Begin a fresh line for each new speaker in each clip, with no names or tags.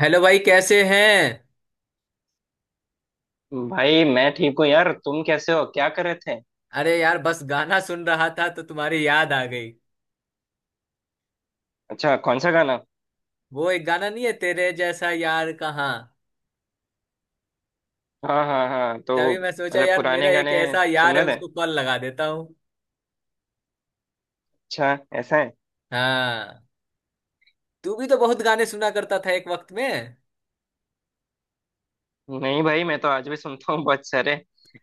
Hello भाई, कैसे हैं।
भाई मैं ठीक हूँ यार। तुम कैसे हो? क्या कर रहे थे?
अरे यार, बस गाना सुन रहा था तो तुम्हारी याद आ गई।
अच्छा, कौन सा गाना?
वो एक गाना नहीं है, तेरे जैसा यार कहाँ।
हाँ हाँ हाँ तो
तभी मैं सोचा
मतलब
यार, मेरा
पुराने
एक
गाने
ऐसा
सुन
यार है,
रहे थे?
उसको कॉल लगा देता हूँ।
अच्छा, ऐसा है?
हाँ। तू भी तो बहुत गाने सुना करता था एक वक्त में।
नहीं भाई, मैं तो आज भी सुनता हूँ बहुत सारे।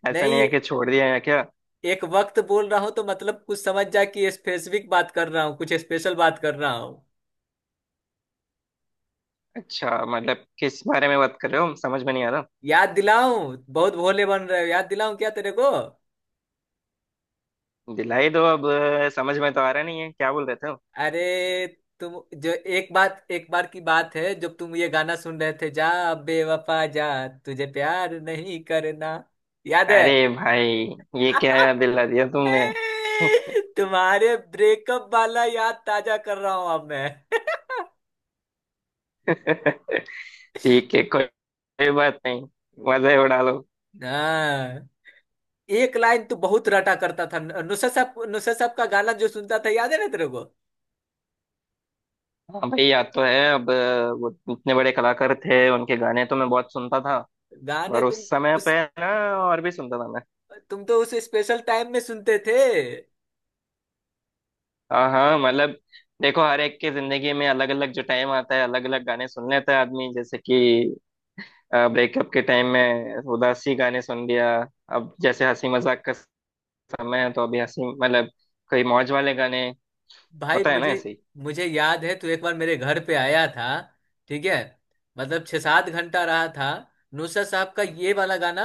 ऐसा नहीं
नहीं,
है कि छोड़ दिया या क्या।
एक वक्त बोल रहा हूँ तो मतलब कुछ समझ जा कि स्पेसिफिक बात कर रहा हूँ, कुछ स्पेशल बात कर रहा हूँ।
अच्छा मतलब किस बारे में बात कर रहे हो, समझ में नहीं आ रहा।
याद दिलाऊं, बहुत भोले बन रहे हो। याद दिलाऊं क्या तेरे को।
दिलाई दो अब। समझ में तो आ रहा नहीं है क्या बोल रहे थे।
अरे तुम, जो एक बात, एक बार की बात है, जब तुम ये गाना सुन रहे थे, जा बेवफा जा, तुझे प्यार नहीं करना, याद है।
अरे भाई, ये क्या याद दिला दिया तुमने।
तुम्हारे ब्रेकअप वाला याद ताजा कर रहा हूं अब मैं
ठीक है, कोई कोई बात नहीं। मजा ही उड़ा लो।
हाँ। एक लाइन तो बहुत रटा करता था नुसरत साहब का गाना जो सुनता था, याद है ना तेरे को।
हाँ भाई याद तो है। अब वो इतने बड़े कलाकार थे, उनके गाने तो मैं बहुत सुनता था।
गाने
और
तुम।
उस समय
उस
पे ना और भी सुनता था मैं।
तुम तो उस स्पेशल टाइम में सुनते थे।
हाँ हाँ मतलब देखो, हर एक की जिंदगी में अलग अलग जो टाइम आता है, अलग अलग गाने सुन लेता है आदमी। जैसे कि ब्रेकअप के टाइम में उदासी गाने सुन लिया। अब जैसे हंसी मजाक का समय है, तो अभी हंसी मतलब कोई मौज वाले गाने।
भाई
होता है ना
मुझे,
ऐसे
याद है तू एक बार मेरे घर पे आया था, ठीक है, मतलब छह सात घंटा रहा था। नुसरत साहब का ये वाला गाना,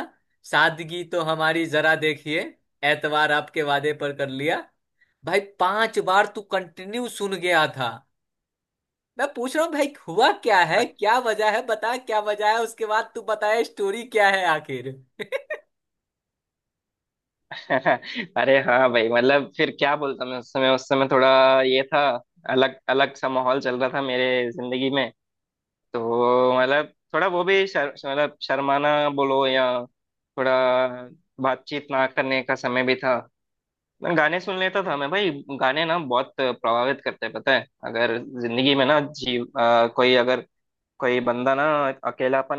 सादगी तो हमारी जरा देखिए, एतवार आपके वादे पर कर लिया। भाई पांच बार तू कंटिन्यू सुन गया था। मैं पूछ रहा हूँ भाई, हुआ क्या है,
ही।
क्या वजह है, बता क्या वजह है, उसके बाद तू बताए स्टोरी क्या है आखिर
अरे हाँ भाई, मतलब फिर क्या बोलता मैं। उस समय थोड़ा ये था। अलग अलग सा माहौल चल रहा था मेरे जिंदगी में। तो मतलब थोड़ा वो भी मतलब शर्माना बोलो या थोड़ा बातचीत ना करने का समय भी था। मैं गाने सुन लेता था मैं भाई। गाने ना बहुत प्रभावित करते हैं, पता है? अगर जिंदगी में ना जी कोई अगर, कोई बंदा ना अकेलापन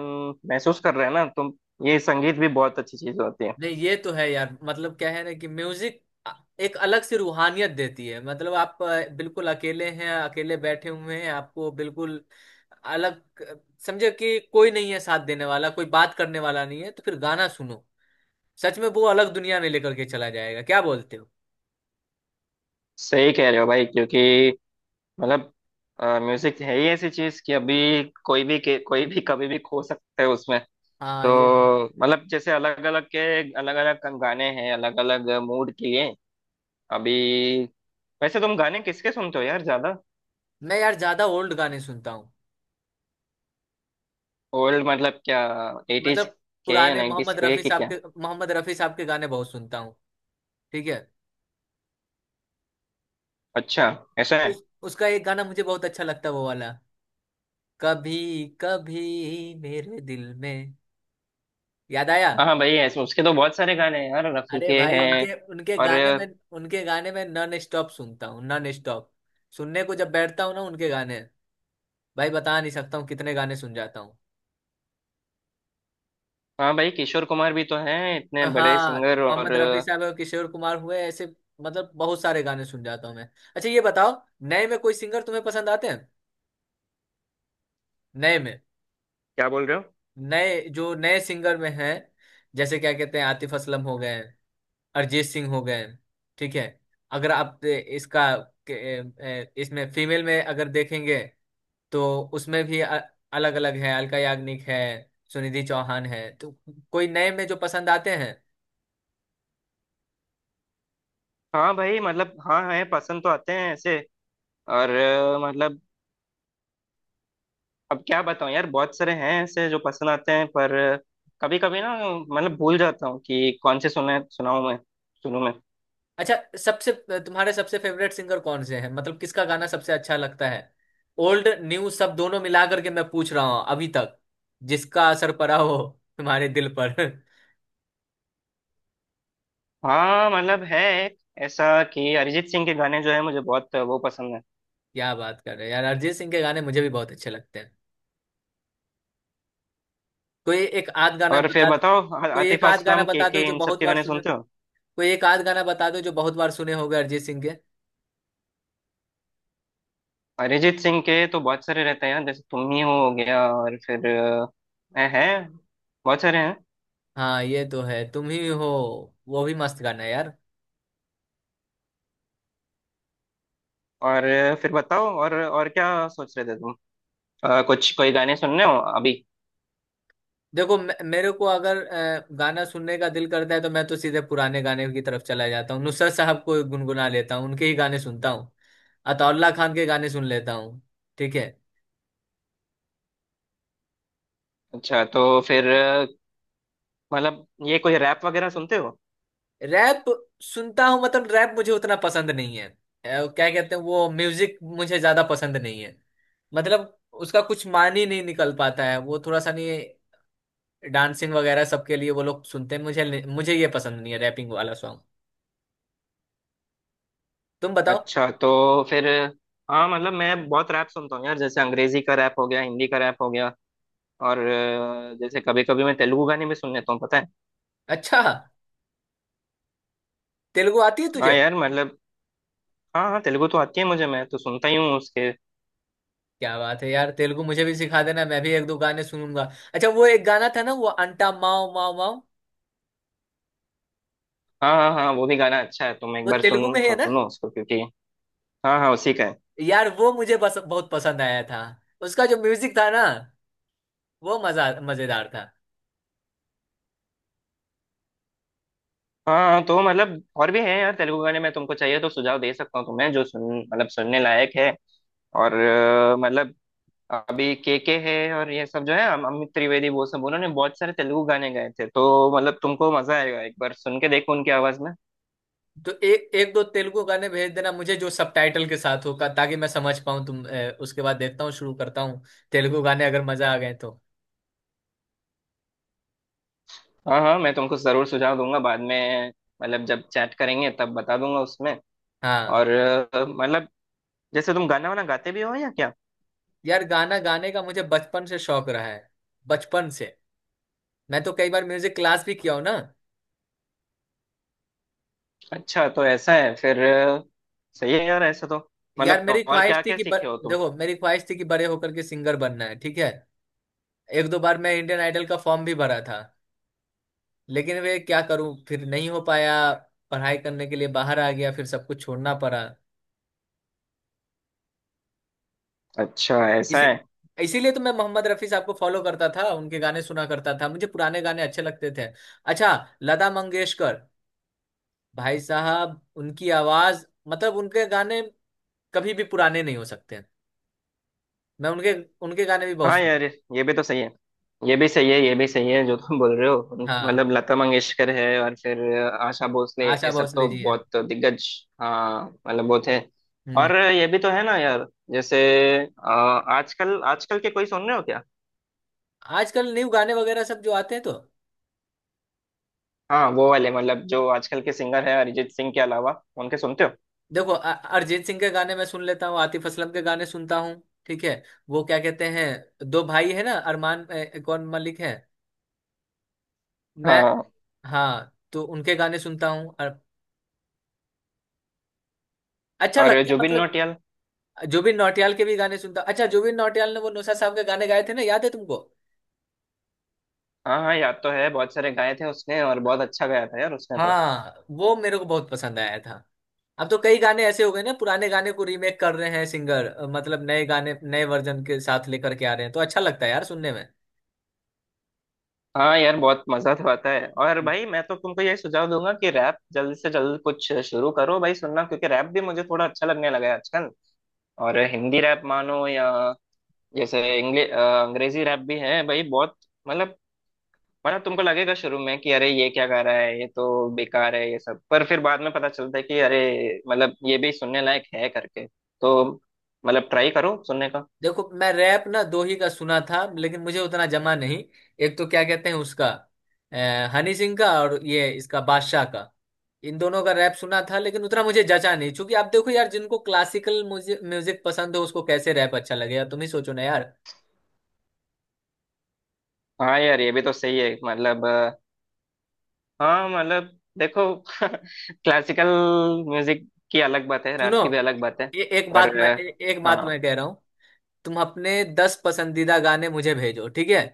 महसूस कर रहा है ना, तो ये संगीत भी बहुत अच्छी चीज होती है।
नहीं, ये तो है यार, मतलब क्या है ना कि म्यूजिक एक अलग सी रूहानियत देती है। मतलब आप बिल्कुल अकेले हैं, अकेले बैठे हुए हैं, आपको बिल्कुल अलग समझे कि कोई नहीं है साथ देने वाला, कोई बात करने वाला नहीं है, तो फिर गाना सुनो, सच में वो अलग दुनिया में लेकर के चला जाएगा। क्या बोलते हो।
सही कह रहे हो भाई, क्योंकि मतलब म्यूजिक है ही ऐसी चीज कि अभी कोई भी कभी भी खो सकते हैं उसमें।
हाँ ये तो है।
तो मतलब जैसे अलग अलग के, अलग अलग गाने हैं अलग अलग मूड के लिए। अभी वैसे तुम गाने किसके सुनते हो यार ज्यादा?
मैं यार ज्यादा ओल्ड गाने सुनता हूँ,
ओल्ड मतलब क्या, एटीज
मतलब
के या
पुराने।
नाइन्टीज
मोहम्मद
के
रफी
कि
साहब
क्या?
के मोहम्मद रफी साहब के गाने बहुत सुनता हूँ, ठीक है।
अच्छा, ऐसा है।
उसका एक गाना मुझे बहुत अच्छा लगता है, वो वाला कभी कभी मेरे दिल में, याद आया।
हाँ हाँ भाई ऐसे उसके तो बहुत सारे गाने हैं यार, रफी
अरे
के
भाई,
हैं।
उनके उनके
और
गाने में, उनके गाने में नॉन स्टॉप सुनता हूँ, नॉन स्टॉप। सुनने को जब बैठता हूँ ना उनके गाने, भाई बता नहीं सकता हूँ कितने गाने सुन जाता हूँ।
हाँ भाई, किशोर कुमार भी तो हैं इतने बड़े
हाँ,
सिंगर। और
मोहम्मद रफी साहब और किशोर कुमार हुए ऐसे, मतलब बहुत सारे गाने सुन जाता हूँ मैं। अच्छा ये बताओ, नए में कोई सिंगर तुम्हें पसंद आते हैं। नए में,
क्या बोल रहे हो।
नए, जो नए सिंगर में हैं, जैसे क्या कहते हैं, आतिफ असलम हो गए, अरिजीत सिंह हो गए, ठीक है। अगर आप ए, इसका के- ए, इसमें फीमेल में अगर देखेंगे, तो उसमें भी अलग अलग है, अलका याग्निक है, सुनिधि चौहान है, तो कोई नए में जो पसंद आते हैं।
हाँ भाई मतलब हाँ है, पसंद तो आते हैं ऐसे। और मतलब अब क्या बताऊँ यार, बहुत सारे हैं ऐसे जो पसंद आते हैं। पर कभी कभी ना मतलब भूल जाता हूँ कि कौन से सुने, सुनाऊँ मैं, सुनूँ मैं।
अच्छा, सबसे, तुम्हारे सबसे फेवरेट सिंगर कौन से हैं, मतलब किसका गाना सबसे अच्छा लगता है। ओल्ड न्यू सब दोनों मिला करके मैं पूछ रहा हूँ, अभी तक जिसका असर पड़ा हो तुम्हारे दिल पर
हाँ मतलब है एक ऐसा कि अरिजीत सिंह के गाने जो है मुझे बहुत वो पसंद है।
क्या बात कर रहे हो यार, अरिजीत सिंह के गाने मुझे भी बहुत अच्छे लगते हैं। कोई एक आध गाना
और फिर
बता।
बताओ,
कोई एक
आतिफ
आध गाना
असलम
बता दो
के
जो
इन सब
बहुत
के
बार
गाने
सुने।
सुनते हो?
कोई एक आध गाना बता दो जो बहुत बार सुने होगे अरिजीत सिंह के।
अरिजीत सिंह के तो बहुत सारे रहते हैं यार, जैसे तुम ही हो गया। और फिर है। बहुत सारे हैं।
हाँ ये तो है, तुम ही हो, वो भी मस्त गाना है यार।
और फिर बताओ, और क्या सोच रहे थे तुम? कुछ कोई गाने सुनने हो अभी?
देखो मेरे को अगर गाना सुनने का दिल करता है तो मैं तो सीधे पुराने गाने की तरफ चला जाता हूँ, नुसरत साहब को गुनगुना लेता हूँ, उनके ही गाने सुनता हूँ। अताउल्ला खान के गाने सुन लेता हूँ, ठीक है।
अच्छा तो फिर मतलब ये कोई रैप वगैरह सुनते हो?
रैप सुनता हूँ, मतलब रैप मुझे उतना पसंद नहीं है। क्या कहते हैं वो म्यूजिक, मुझे ज्यादा पसंद नहीं है। मतलब उसका कुछ मान ही नहीं निकल पाता है, वो थोड़ा सा नहीं। डांसिंग वगैरह सबके लिए वो लोग सुनते हैं, मुझे ये पसंद नहीं है रैपिंग वाला सॉन्ग। तुम बताओ।
अच्छा तो फिर हाँ मतलब मैं बहुत रैप सुनता हूँ यार। जैसे अंग्रेजी का रैप हो गया, हिंदी का रैप हो गया। और जैसे कभी कभी मैं तेलुगु गाने भी सुन लेता हूँ, पता है?
अच्छा, तेलुगु आती है
हाँ
तुझे।
यार मतलब हाँ हाँ, तेलुगु तो आती है मुझे, मैं तो सुनता ही हूँ उसके।
क्या बात है यार, तेलुगु मुझे भी सिखा देना, मैं भी एक दो गाने सुनूंगा। अच्छा, वो एक गाना था ना, वो अंटा माओ माओ माओ।
हाँ हाँ हाँ वो भी गाना अच्छा है, तुम एक
वो
बार
तेलुगु
सुन
में है ना।
सुन लो उसको, क्योंकि हाँ हाँ उसी का है।
यार वो मुझे बस बहुत पसंद आया था, उसका जो म्यूजिक था ना, वो मजा मजेदार था।
हाँ तो मतलब और भी है यार तेलुगु गाने में, तुमको चाहिए तो सुझाव दे सकता हूँ तुम्हें जो सुन मतलब सुनने लायक है। और मतलब अभी के है और ये सब जो है अमित त्रिवेदी, वो सब उन्होंने बहुत सारे तेलुगु गाने गाए थे, तो मतलब तुमको मजा आएगा एक बार सुन के देखो उनकी आवाज में।
तो एक एक दो तेलुगु गाने भेज देना मुझे जो सबटाइटल के साथ होगा ताकि मैं समझ पाऊँ तुम। उसके बाद देखता हूँ, शुरू करता हूँ तेलुगु गाने, अगर मजा आ गए तो।
हाँ हाँ मैं तुमको जरूर सुझाव दूंगा बाद में। मतलब जब चैट करेंगे तब बता दूंगा उसमें।
हाँ
और मतलब जैसे तुम गाना वाना गाते भी हो या क्या?
यार, गाना गाने का मुझे बचपन से शौक रहा है, बचपन से। मैं तो कई बार म्यूजिक क्लास भी किया हूँ ना।
अच्छा तो ऐसा है फिर सही है यार ऐसा तो।
यार
मतलब
मेरी
और
ख्वाहिश
क्या
थी
क्या
कि
सीखे हो तुम?
देखो, मेरी ख्वाहिश थी कि बड़े होकर के सिंगर बनना है, ठीक है। एक दो बार मैं इंडियन आइडल का फॉर्म भी भरा था, लेकिन वे क्या करूँ, फिर नहीं हो पाया। पढ़ाई करने के लिए बाहर आ गया, फिर सब कुछ छोड़ना पड़ा।
अच्छा, ऐसा
इसी
है।
इसीलिए तो मैं मोहम्मद रफी साहब को फॉलो करता था, उनके गाने सुना करता था, मुझे पुराने गाने अच्छे लगते थे। अच्छा, लता मंगेशकर, भाई साहब उनकी आवाज, मतलब उनके गाने कभी भी पुराने नहीं हो सकते। मैं उनके उनके गाने भी बहुत
हाँ
सुनता।
यार ये भी तो सही है, ये भी सही है, ये भी सही है जो तुम बोल रहे हो।
हाँ,
मतलब लता मंगेशकर है और फिर आशा भोसले,
आशा
ये सब तो
भोसले जी हैं।
बहुत दिग्गज। हाँ मतलब बहुत है।
हम्म।
और ये भी तो है ना यार, जैसे आजकल, आजकल के कोई सुन रहे हो क्या?
आजकल न्यू गाने वगैरह सब जो आते हैं तो
हाँ वो वाले मतलब जो आजकल के सिंगर है, अरिजीत सिंह के अलावा उनके सुनते हो?
देखो, अरिजीत सिंह के गाने मैं सुन लेता हूँ, आतिफ असलम के गाने सुनता हूँ, ठीक है। वो क्या कहते हैं, दो भाई है ना, अरमान कौन मलिक है मैं।
हाँ,
हाँ तो उनके गाने सुनता हूँ और अच्छा
और
लगता है
जुबिन
मतलब।
नौटियाल।
जुबिन नौटियाल के भी गाने सुनता हूँ। अच्छा, जुबिन नौटियाल ने वो नौशाद साहब के गाने गाए थे ना, याद है तुमको।
हाँ हाँ याद तो है, बहुत सारे गाए थे उसने और बहुत अच्छा गाया था यार उसने तो।
हाँ वो मेरे को बहुत पसंद आया था। अब तो कई गाने ऐसे हो गए ना, पुराने गाने को रीमेक कर रहे हैं सिंगर, मतलब नए गाने नए वर्जन के साथ लेकर के आ रहे हैं तो अच्छा लगता है यार सुनने में।
हाँ यार बहुत मजा तो आता है। और भाई मैं तो तुमको ये सुझाव दूंगा कि रैप जल्द से जल्द कुछ शुरू करो भाई सुनना, क्योंकि रैप भी मुझे थोड़ा अच्छा लगने लगा है आजकल। और हिंदी रैप मानो या जैसे इंग्लिश अंग्रेजी रैप भी है भाई बहुत। मतलब मतलब तुमको लगेगा शुरू में कि अरे ये क्या गा रहा है, ये तो बेकार है ये सब, पर फिर बाद में पता चलता है कि अरे मतलब ये भी सुनने लायक है करके। तो मतलब ट्राई करो सुनने का।
देखो मैं रैप ना दो ही का सुना था, लेकिन मुझे उतना जमा नहीं। एक तो क्या कहते हैं उसका, हनी सिंह का, और ये इसका बादशाह का, इन दोनों का रैप सुना था, लेकिन उतना मुझे जचा नहीं क्योंकि आप देखो यार, जिनको क्लासिकल म्यूजिक म्यूजिक पसंद हो उसको कैसे रैप अच्छा लगेगा, तुम ही सोचो ना यार।
हाँ यार ये भी तो सही है। मतलब हाँ मतलब देखो क्लासिकल म्यूजिक की अलग बात है,
सुनो,
रैप की भी अलग बात है। पर
एक बात मैं
हाँ
कह रहा हूँ, तुम अपने 10 पसंदीदा गाने मुझे भेजो, ठीक है,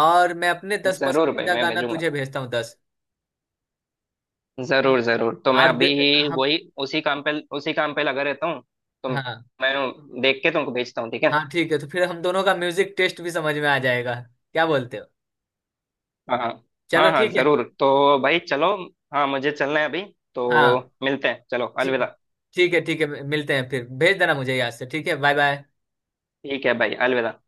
और मैं अपने दस
जरूर भाई,
पसंदीदा
मैं
गाना
भेजूंगा।
तुझे भेजता हूँ 10। ठीक?
जरूर जरूर। तो मैं
और
अभी ही
हम,
वही उसी काम पे उसी काम पे लगा रहता हूँ। तो
हाँ
मैं देख के तुमको भेजता हूँ, ठीक है?
हाँ, ठीक है तो फिर हम दोनों का म्यूजिक टेस्ट भी समझ में आ जाएगा, क्या बोलते हो।
हाँ हाँ।
चलो
हाँ हाँ
ठीक है।
जरूर। तो भाई चलो, हाँ मुझे चलना है अभी। तो
हाँ
मिलते हैं, चलो
ठी-
अलविदा।
ठीक है, ठीक है मिलते हैं, फिर भेज देना मुझे यहाँ से, ठीक है, बाय बाय।
ठीक है भाई, अलविदा।